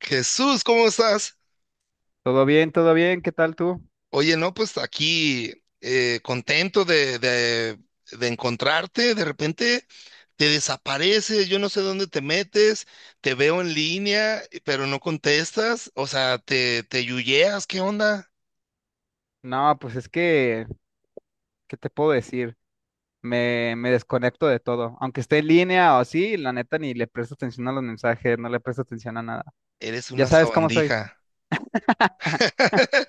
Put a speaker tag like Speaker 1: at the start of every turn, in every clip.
Speaker 1: Jesús, ¿cómo estás?
Speaker 2: Todo bien, ¿qué tal tú?
Speaker 1: Oye, no, pues aquí contento de encontrarte. De repente te desapareces, yo no sé dónde te metes, te veo en línea, pero no contestas. O sea, te yuyeas, ¿qué onda?
Speaker 2: No, pues es que, ¿qué te puedo decir? Me desconecto de todo. Aunque esté en línea o así, la neta ni le presto atención a los mensajes, no le presto atención a nada.
Speaker 1: Eres
Speaker 2: Ya
Speaker 1: una
Speaker 2: sabes cómo soy.
Speaker 1: sabandija.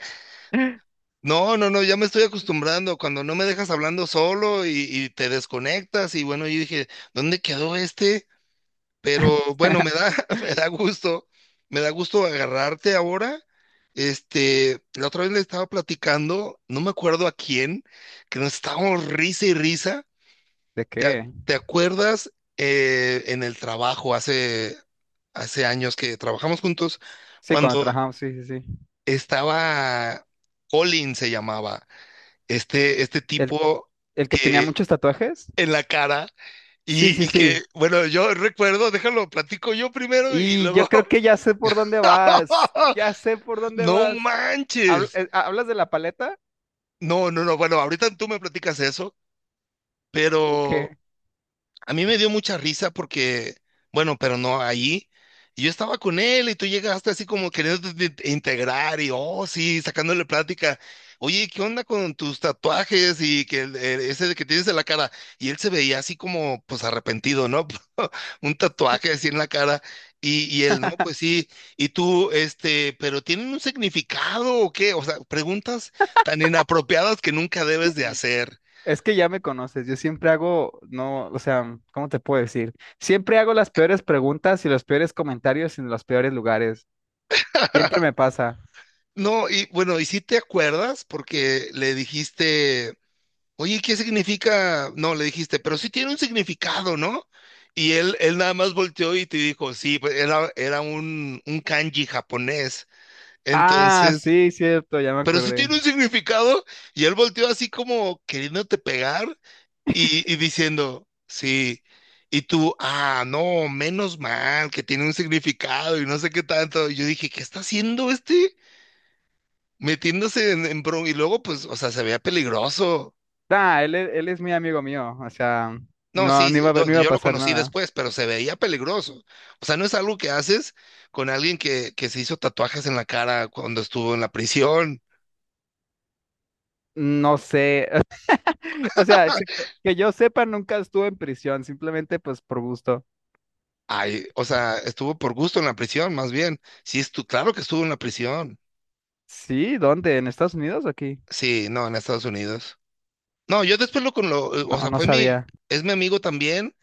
Speaker 1: No, no, no, ya me estoy acostumbrando cuando no me dejas hablando solo y te desconectas. Y bueno, yo dije, ¿dónde quedó este? Pero bueno, me da, me da gusto, me da gusto agarrarte ahora. Este, la otra vez le estaba platicando, no me acuerdo a quién, que nos estábamos risa y risa.
Speaker 2: ¿De
Speaker 1: ¿
Speaker 2: qué?
Speaker 1: te acuerdas en el trabajo hace años que trabajamos juntos,
Speaker 2: Sí, cuando
Speaker 1: cuando
Speaker 2: trabajamos, sí, sí, sí.
Speaker 1: estaba Colin se llamaba, este
Speaker 2: ¿El,
Speaker 1: tipo
Speaker 2: el que tenía
Speaker 1: que
Speaker 2: muchos tatuajes?
Speaker 1: en la cara
Speaker 2: Sí,
Speaker 1: y,
Speaker 2: sí,
Speaker 1: y que,
Speaker 2: sí.
Speaker 1: bueno, yo recuerdo, déjalo, platico yo primero y
Speaker 2: Y yo
Speaker 1: luego
Speaker 2: creo que ya sé por dónde vas. Ya sé por dónde
Speaker 1: No
Speaker 2: vas.
Speaker 1: manches.
Speaker 2: ¿Hablas de la paleta?
Speaker 1: No, no, no. Bueno, ahorita tú me platicas eso,
Speaker 2: ¿O
Speaker 1: pero
Speaker 2: qué?
Speaker 1: a mí me dio mucha risa porque, bueno, pero no ahí. Y yo estaba con él y tú llegaste así como queriendo integrar y, oh, sí, sacándole plática. Oye, ¿qué onda con tus tatuajes y que ese de que tienes en la cara? Y él se veía así como, pues arrepentido, ¿no? Un tatuaje así en la cara. Y él, ¿no? Pues sí. Y tú, este, pero ¿tienen un significado o qué? O sea, preguntas tan inapropiadas que nunca debes de hacer.
Speaker 2: Es que ya me conoces, yo siempre hago, no, o sea, ¿cómo te puedo decir? Siempre hago las peores preguntas y los peores comentarios en los peores lugares. Siempre me pasa.
Speaker 1: No, y bueno, y si te acuerdas, porque le dijiste, oye, ¿qué significa? No, le dijiste, pero sí tiene un significado, ¿no? Y él nada más volteó y te dijo, sí, pues, era un kanji japonés.
Speaker 2: Ah,
Speaker 1: Entonces,
Speaker 2: sí, cierto, ya me
Speaker 1: pero sí
Speaker 2: acordé.
Speaker 1: tiene un significado. Y él volteó así como queriéndote pegar y diciendo, sí. Y tú, ah, no, menos mal, que tiene un significado y no sé qué tanto. Y yo dije, ¿qué está haciendo este? Metiéndose y luego pues, o sea, se veía peligroso.
Speaker 2: Ah, él, él es muy amigo mío, o sea,
Speaker 1: No,
Speaker 2: no,
Speaker 1: sí,
Speaker 2: no
Speaker 1: sí,
Speaker 2: iba, no iba a
Speaker 1: yo lo
Speaker 2: pasar
Speaker 1: conocí
Speaker 2: nada.
Speaker 1: después, pero se veía peligroso. O sea, no es algo que haces con alguien que se hizo tatuajes en la cara cuando estuvo en la prisión.
Speaker 2: No sé, o sea, es que yo sepa, nunca estuvo en prisión, simplemente pues por gusto.
Speaker 1: Ay, o sea, estuvo por gusto en la prisión, más bien. Sí, claro que estuvo en la prisión.
Speaker 2: Sí, ¿dónde? ¿En Estados Unidos o aquí?
Speaker 1: Sí, no, en Estados Unidos. No, yo después o
Speaker 2: No,
Speaker 1: sea,
Speaker 2: no sabía.
Speaker 1: es mi amigo también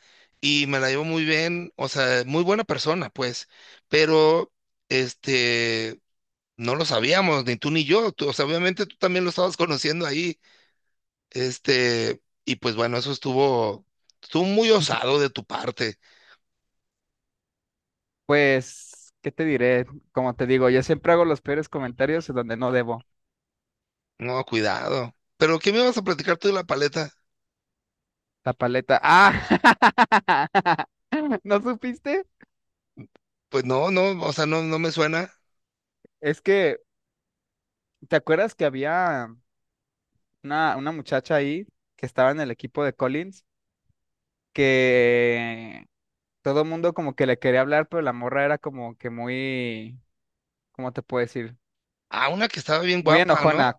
Speaker 1: y me la llevo muy bien, o sea, muy buena persona, pues. Pero, este, no lo sabíamos, ni tú ni yo. Tú- o sea, obviamente tú también lo estabas conociendo ahí. Este, y pues bueno, eso estuvo, estuvo muy osado de tu parte.
Speaker 2: Pues, ¿qué te diré? Como te digo, yo siempre hago los peores comentarios en donde no debo.
Speaker 1: No, cuidado. ¿Pero qué me ibas a platicar tú de la paleta?
Speaker 2: La paleta. ¡Ah! ¿No supiste?
Speaker 1: Pues no, no, o sea, no, no me suena.
Speaker 2: Es que, ¿te acuerdas que había una muchacha ahí que estaba en el equipo de Collins que todo mundo como que le quería hablar, pero la morra era como que muy, ¿cómo te puedo decir?
Speaker 1: Ah, una que estaba bien
Speaker 2: Muy
Speaker 1: guapa, ¿no?
Speaker 2: enojona.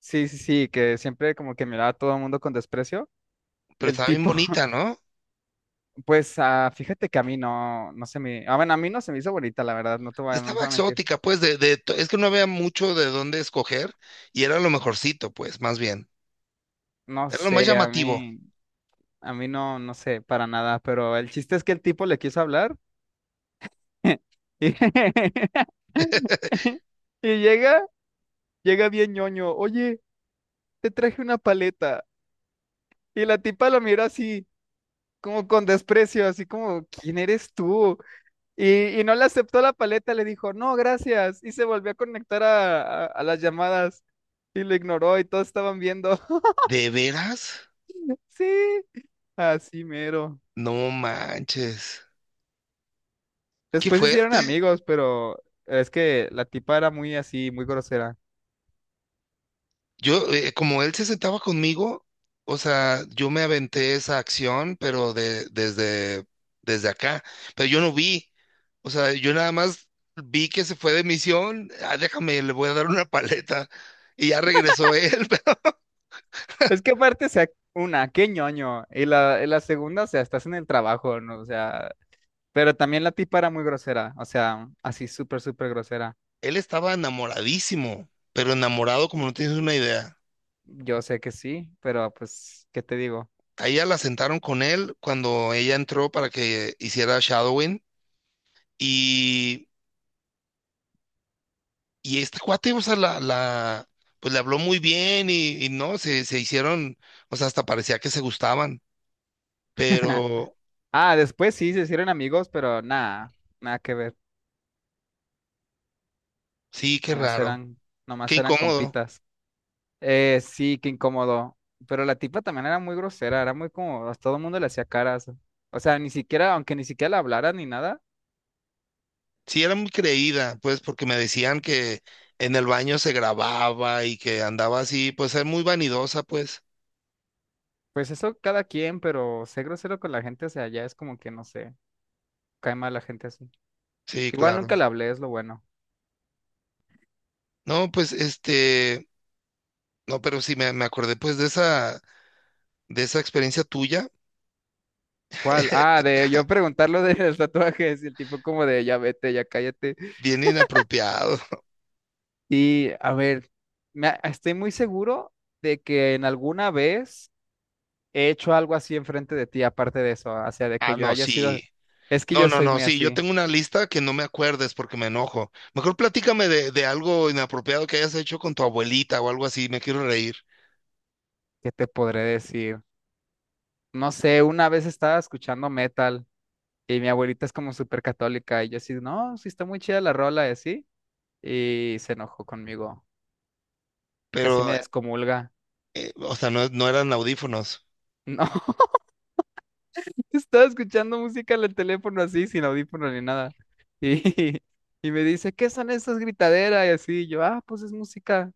Speaker 2: Sí, sí, sí, que siempre como que miraba a todo el mundo con desprecio.
Speaker 1: Pero
Speaker 2: El
Speaker 1: estaba bien
Speaker 2: tipo.
Speaker 1: bonita, ¿no?
Speaker 2: Pues ah, fíjate que a mí no, no se me, ah, bueno, a mí no se me hizo bonita, la verdad, no te voy a, no te
Speaker 1: Estaba
Speaker 2: voy a mentir.
Speaker 1: exótica, pues, es que no había mucho de dónde escoger y era lo mejorcito, pues, más bien.
Speaker 2: No
Speaker 1: Era lo más
Speaker 2: sé,
Speaker 1: llamativo.
Speaker 2: a mí no, no sé, para nada, pero el chiste es que el tipo le quiso hablar. Y, y llega, llega bien ñoño, oye, te traje una paleta. Y la tipa lo miró así, como con desprecio, así como, ¿quién eres tú? Y no le aceptó la paleta, le dijo, no, gracias, y se volvió a conectar a, a las llamadas y lo ignoró y todos estaban viendo.
Speaker 1: ¿De veras?
Speaker 2: Sí, así mero.
Speaker 1: No manches. Qué
Speaker 2: Después se hicieron
Speaker 1: fuerte.
Speaker 2: amigos, pero es que la tipa era muy así, muy grosera.
Speaker 1: Yo, como él se sentaba conmigo, o sea, yo me aventé esa acción, pero desde acá, pero yo no vi, o sea, yo nada más vi que se fue de misión, ah, déjame, le voy a dar una paleta, y ya regresó él, pero
Speaker 2: Es que aparte, o sea, una, qué ñoño. Y la segunda, o sea, estás en el trabajo, ¿no? O sea, pero también la tipa era muy grosera, o sea, así súper, súper grosera.
Speaker 1: él estaba enamoradísimo, pero enamorado como no tienes una idea.
Speaker 2: Yo sé que sí, pero pues, ¿qué te digo?
Speaker 1: Ahí ya la sentaron con él cuando ella entró para que hiciera shadowing, y Y este cuate, o sea, pues le habló muy bien y no, se hicieron, o sea, hasta parecía que se gustaban, pero
Speaker 2: Ah, después sí se hicieron amigos, pero nada, nada que ver.
Speaker 1: sí, qué
Speaker 2: Nomás
Speaker 1: raro,
Speaker 2: eran,
Speaker 1: qué
Speaker 2: nomás eran
Speaker 1: incómodo.
Speaker 2: compitas. Sí, qué incómodo. Pero la tipa también era muy grosera, era muy como, a todo el mundo le hacía caras. O sea, ni siquiera, aunque ni siquiera le hablara ni nada,
Speaker 1: Sí, era muy creída, pues, porque me decían que en el baño se grababa y que andaba así, pues, es muy vanidosa, pues.
Speaker 2: pues eso cada quien, pero ser grosero con la gente, o sea, ya es como que no sé, cae mal la gente así.
Speaker 1: Sí,
Speaker 2: Igual
Speaker 1: claro.
Speaker 2: nunca le hablé, es lo bueno.
Speaker 1: No, pues, este, no, pero sí me acordé, pues, de esa experiencia tuya,
Speaker 2: ¿Cuál? Ah, de yo preguntar lo de los tatuajes y el tipo como de ya vete, ya cállate.
Speaker 1: bien inapropiado.
Speaker 2: Y a ver, estoy muy seguro de que en alguna vez he hecho algo así enfrente de ti, aparte de eso, o sea, de que
Speaker 1: Ah,
Speaker 2: yo
Speaker 1: no,
Speaker 2: haya sido,
Speaker 1: sí.
Speaker 2: es que
Speaker 1: No,
Speaker 2: yo
Speaker 1: no,
Speaker 2: soy
Speaker 1: no,
Speaker 2: muy
Speaker 1: sí, yo
Speaker 2: así,
Speaker 1: tengo una lista que no me acuerdes porque me enojo. Mejor platícame de algo inapropiado que hayas hecho con tu abuelita o algo así, me quiero reír.
Speaker 2: ¿qué te podré decir? No sé, una vez estaba escuchando metal y mi abuelita es como súper católica y yo así, no, sí está muy chida la rola y así, y se enojó conmigo, casi
Speaker 1: Pero,
Speaker 2: me descomulga.
Speaker 1: o sea, no, no eran audífonos.
Speaker 2: No, estaba escuchando música en el teléfono así, sin audífono ni nada. Y y me dice, ¿qué son esas gritaderas? Y así, yo, ah, pues es música.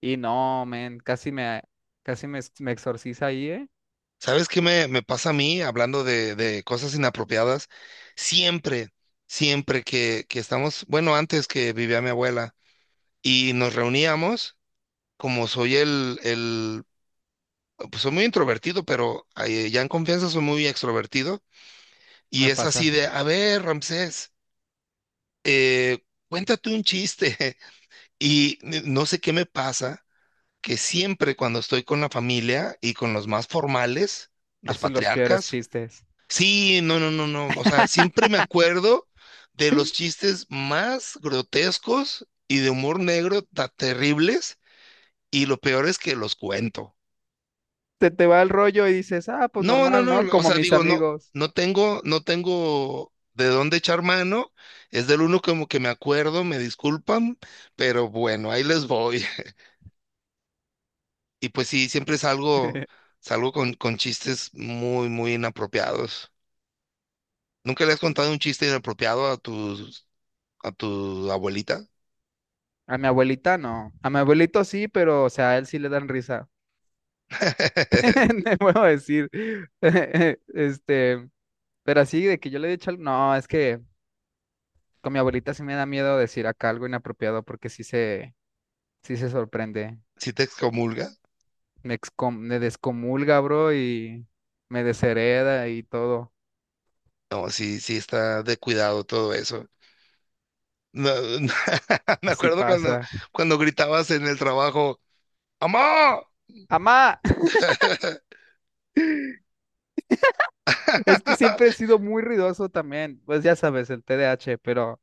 Speaker 2: Y no, men, me exorciza ahí, ¿eh?
Speaker 1: ¿Sabes qué me pasa a mí hablando de cosas inapropiadas? Siempre, siempre que estamos, bueno, antes que vivía mi abuela y nos reuníamos, como soy pues soy muy introvertido, pero ya en confianza soy muy extrovertido. Y
Speaker 2: Me
Speaker 1: es
Speaker 2: pasa.
Speaker 1: así de, a ver, Ramsés. eh, Cuéntate un chiste. Y no sé qué me pasa, que siempre cuando estoy con la familia y con los más formales, los
Speaker 2: Haces los peores
Speaker 1: patriarcas,
Speaker 2: chistes.
Speaker 1: sí, no, no, no, no, o sea, siempre me acuerdo de los chistes más grotescos y de humor negro tan terribles, y lo peor es que los cuento.
Speaker 2: Se te va el rollo y dices, ah, pues
Speaker 1: No, no,
Speaker 2: normal, ¿no?
Speaker 1: no, o
Speaker 2: Como
Speaker 1: sea,
Speaker 2: mis
Speaker 1: digo, no,
Speaker 2: amigos.
Speaker 1: no tengo, no tengo de dónde echar mano, es del uno como que me acuerdo, me disculpan, pero bueno, ahí les voy. Y pues sí, siempre salgo, salgo con chistes muy, muy inapropiados. ¿Nunca le has contado un chiste inapropiado a tus, a tu abuelita?
Speaker 2: A mi abuelita no. A mi abuelito sí, pero, o sea, a él sí le dan risa. No puedo decir. Este, pero así de que yo le he dicho algo. No, es que con mi abuelita sí me da miedo decir acá algo inapropiado porque sí se sorprende.
Speaker 1: ¿Sí te excomulga?
Speaker 2: Me descomulga, bro, y me deshereda y todo.
Speaker 1: No, sí, sí está de cuidado todo eso. No, no, me
Speaker 2: Así
Speaker 1: acuerdo cuando,
Speaker 2: pasa.
Speaker 1: cuando gritabas en el trabajo, ¡Amá!
Speaker 2: ¡Amá! Es que siempre he sido muy ruidoso también, pues ya sabes, el TDAH, pero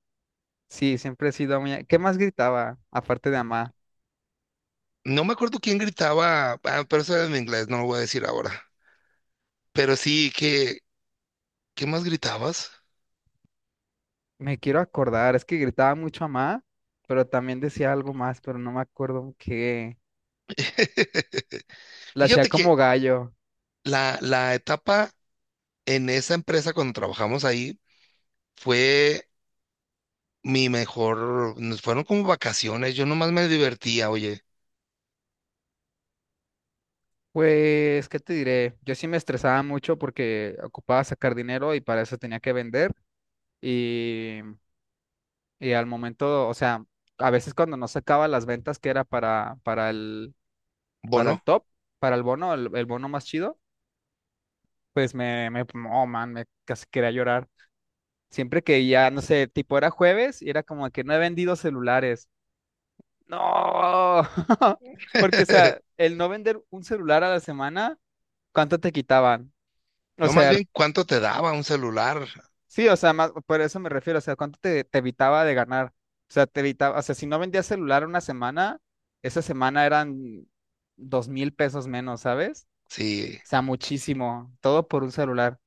Speaker 2: sí, siempre he sido muy... ¿Qué más gritaba, aparte de Amá?
Speaker 1: No me acuerdo quién gritaba, ah, pero eso era en inglés, no lo voy a decir ahora. Pero sí, ¿qué, qué más gritabas?
Speaker 2: Me quiero acordar, es que gritaba mucho Amá, pero también decía algo más, pero no me acuerdo qué. La hacía
Speaker 1: Fíjate que
Speaker 2: como gallo.
Speaker 1: la etapa en esa empresa cuando trabajamos ahí fue mi mejor, nos fueron como vacaciones, yo nomás me divertía, oye,
Speaker 2: Pues, ¿qué te diré? Yo sí me estresaba mucho porque ocupaba sacar dinero y para eso tenía que vender y, y al momento, o sea, a veces cuando no sacaba las ventas que era para el
Speaker 1: bono,
Speaker 2: top, para el bono, el bono más chido, pues me, oh man, me casi quería llorar. Siempre que ya, no sé, tipo era jueves y era como que no he vendido celulares. No, porque o sea, el no vender un celular a la semana, ¿cuánto te quitaban? O
Speaker 1: no más
Speaker 2: sea,
Speaker 1: bien cuánto te daba un celular,
Speaker 2: sí, o sea, más, por eso me refiero, o sea, ¿cuánto te, te evitaba de ganar? O sea, te evitaba, o sea, si no vendías celular una semana, esa semana eran 2000 pesos menos, ¿sabes?
Speaker 1: sí,
Speaker 2: O sea, muchísimo, todo por un celular.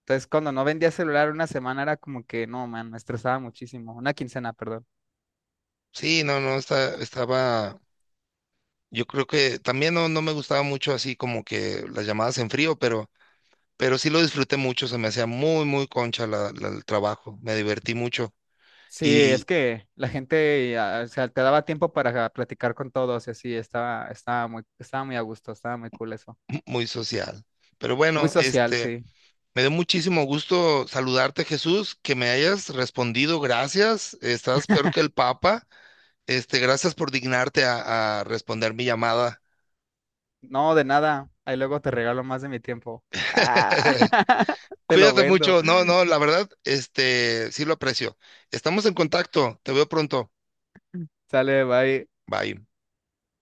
Speaker 2: Entonces, cuando no vendía celular una semana era como que, no, man, me estresaba muchísimo. Una quincena, perdón.
Speaker 1: sí, no, no, estaba, yo creo que también no, no me gustaba mucho así como que las llamadas en frío, pero sí lo disfruté mucho, se me hacía muy, muy concha el trabajo, me divertí mucho
Speaker 2: Sí, es
Speaker 1: y
Speaker 2: que la gente, ah, o sea, te daba tiempo para platicar con todos y así, estaba, estaba muy a gusto, estaba muy cool eso.
Speaker 1: muy social. Pero
Speaker 2: Muy
Speaker 1: bueno,
Speaker 2: social,
Speaker 1: este...
Speaker 2: sí.
Speaker 1: Me dio muchísimo gusto saludarte, Jesús, que me hayas respondido. Gracias. Estás peor que el Papa. Este, gracias por dignarte a responder mi llamada.
Speaker 2: No, de nada. Ahí luego te regalo más de mi tiempo. Ah, te lo
Speaker 1: Cuídate
Speaker 2: vendo.
Speaker 1: mucho. No, no, la verdad, este, sí lo aprecio. Estamos en contacto. Te veo pronto.
Speaker 2: Sale, bye.
Speaker 1: Bye.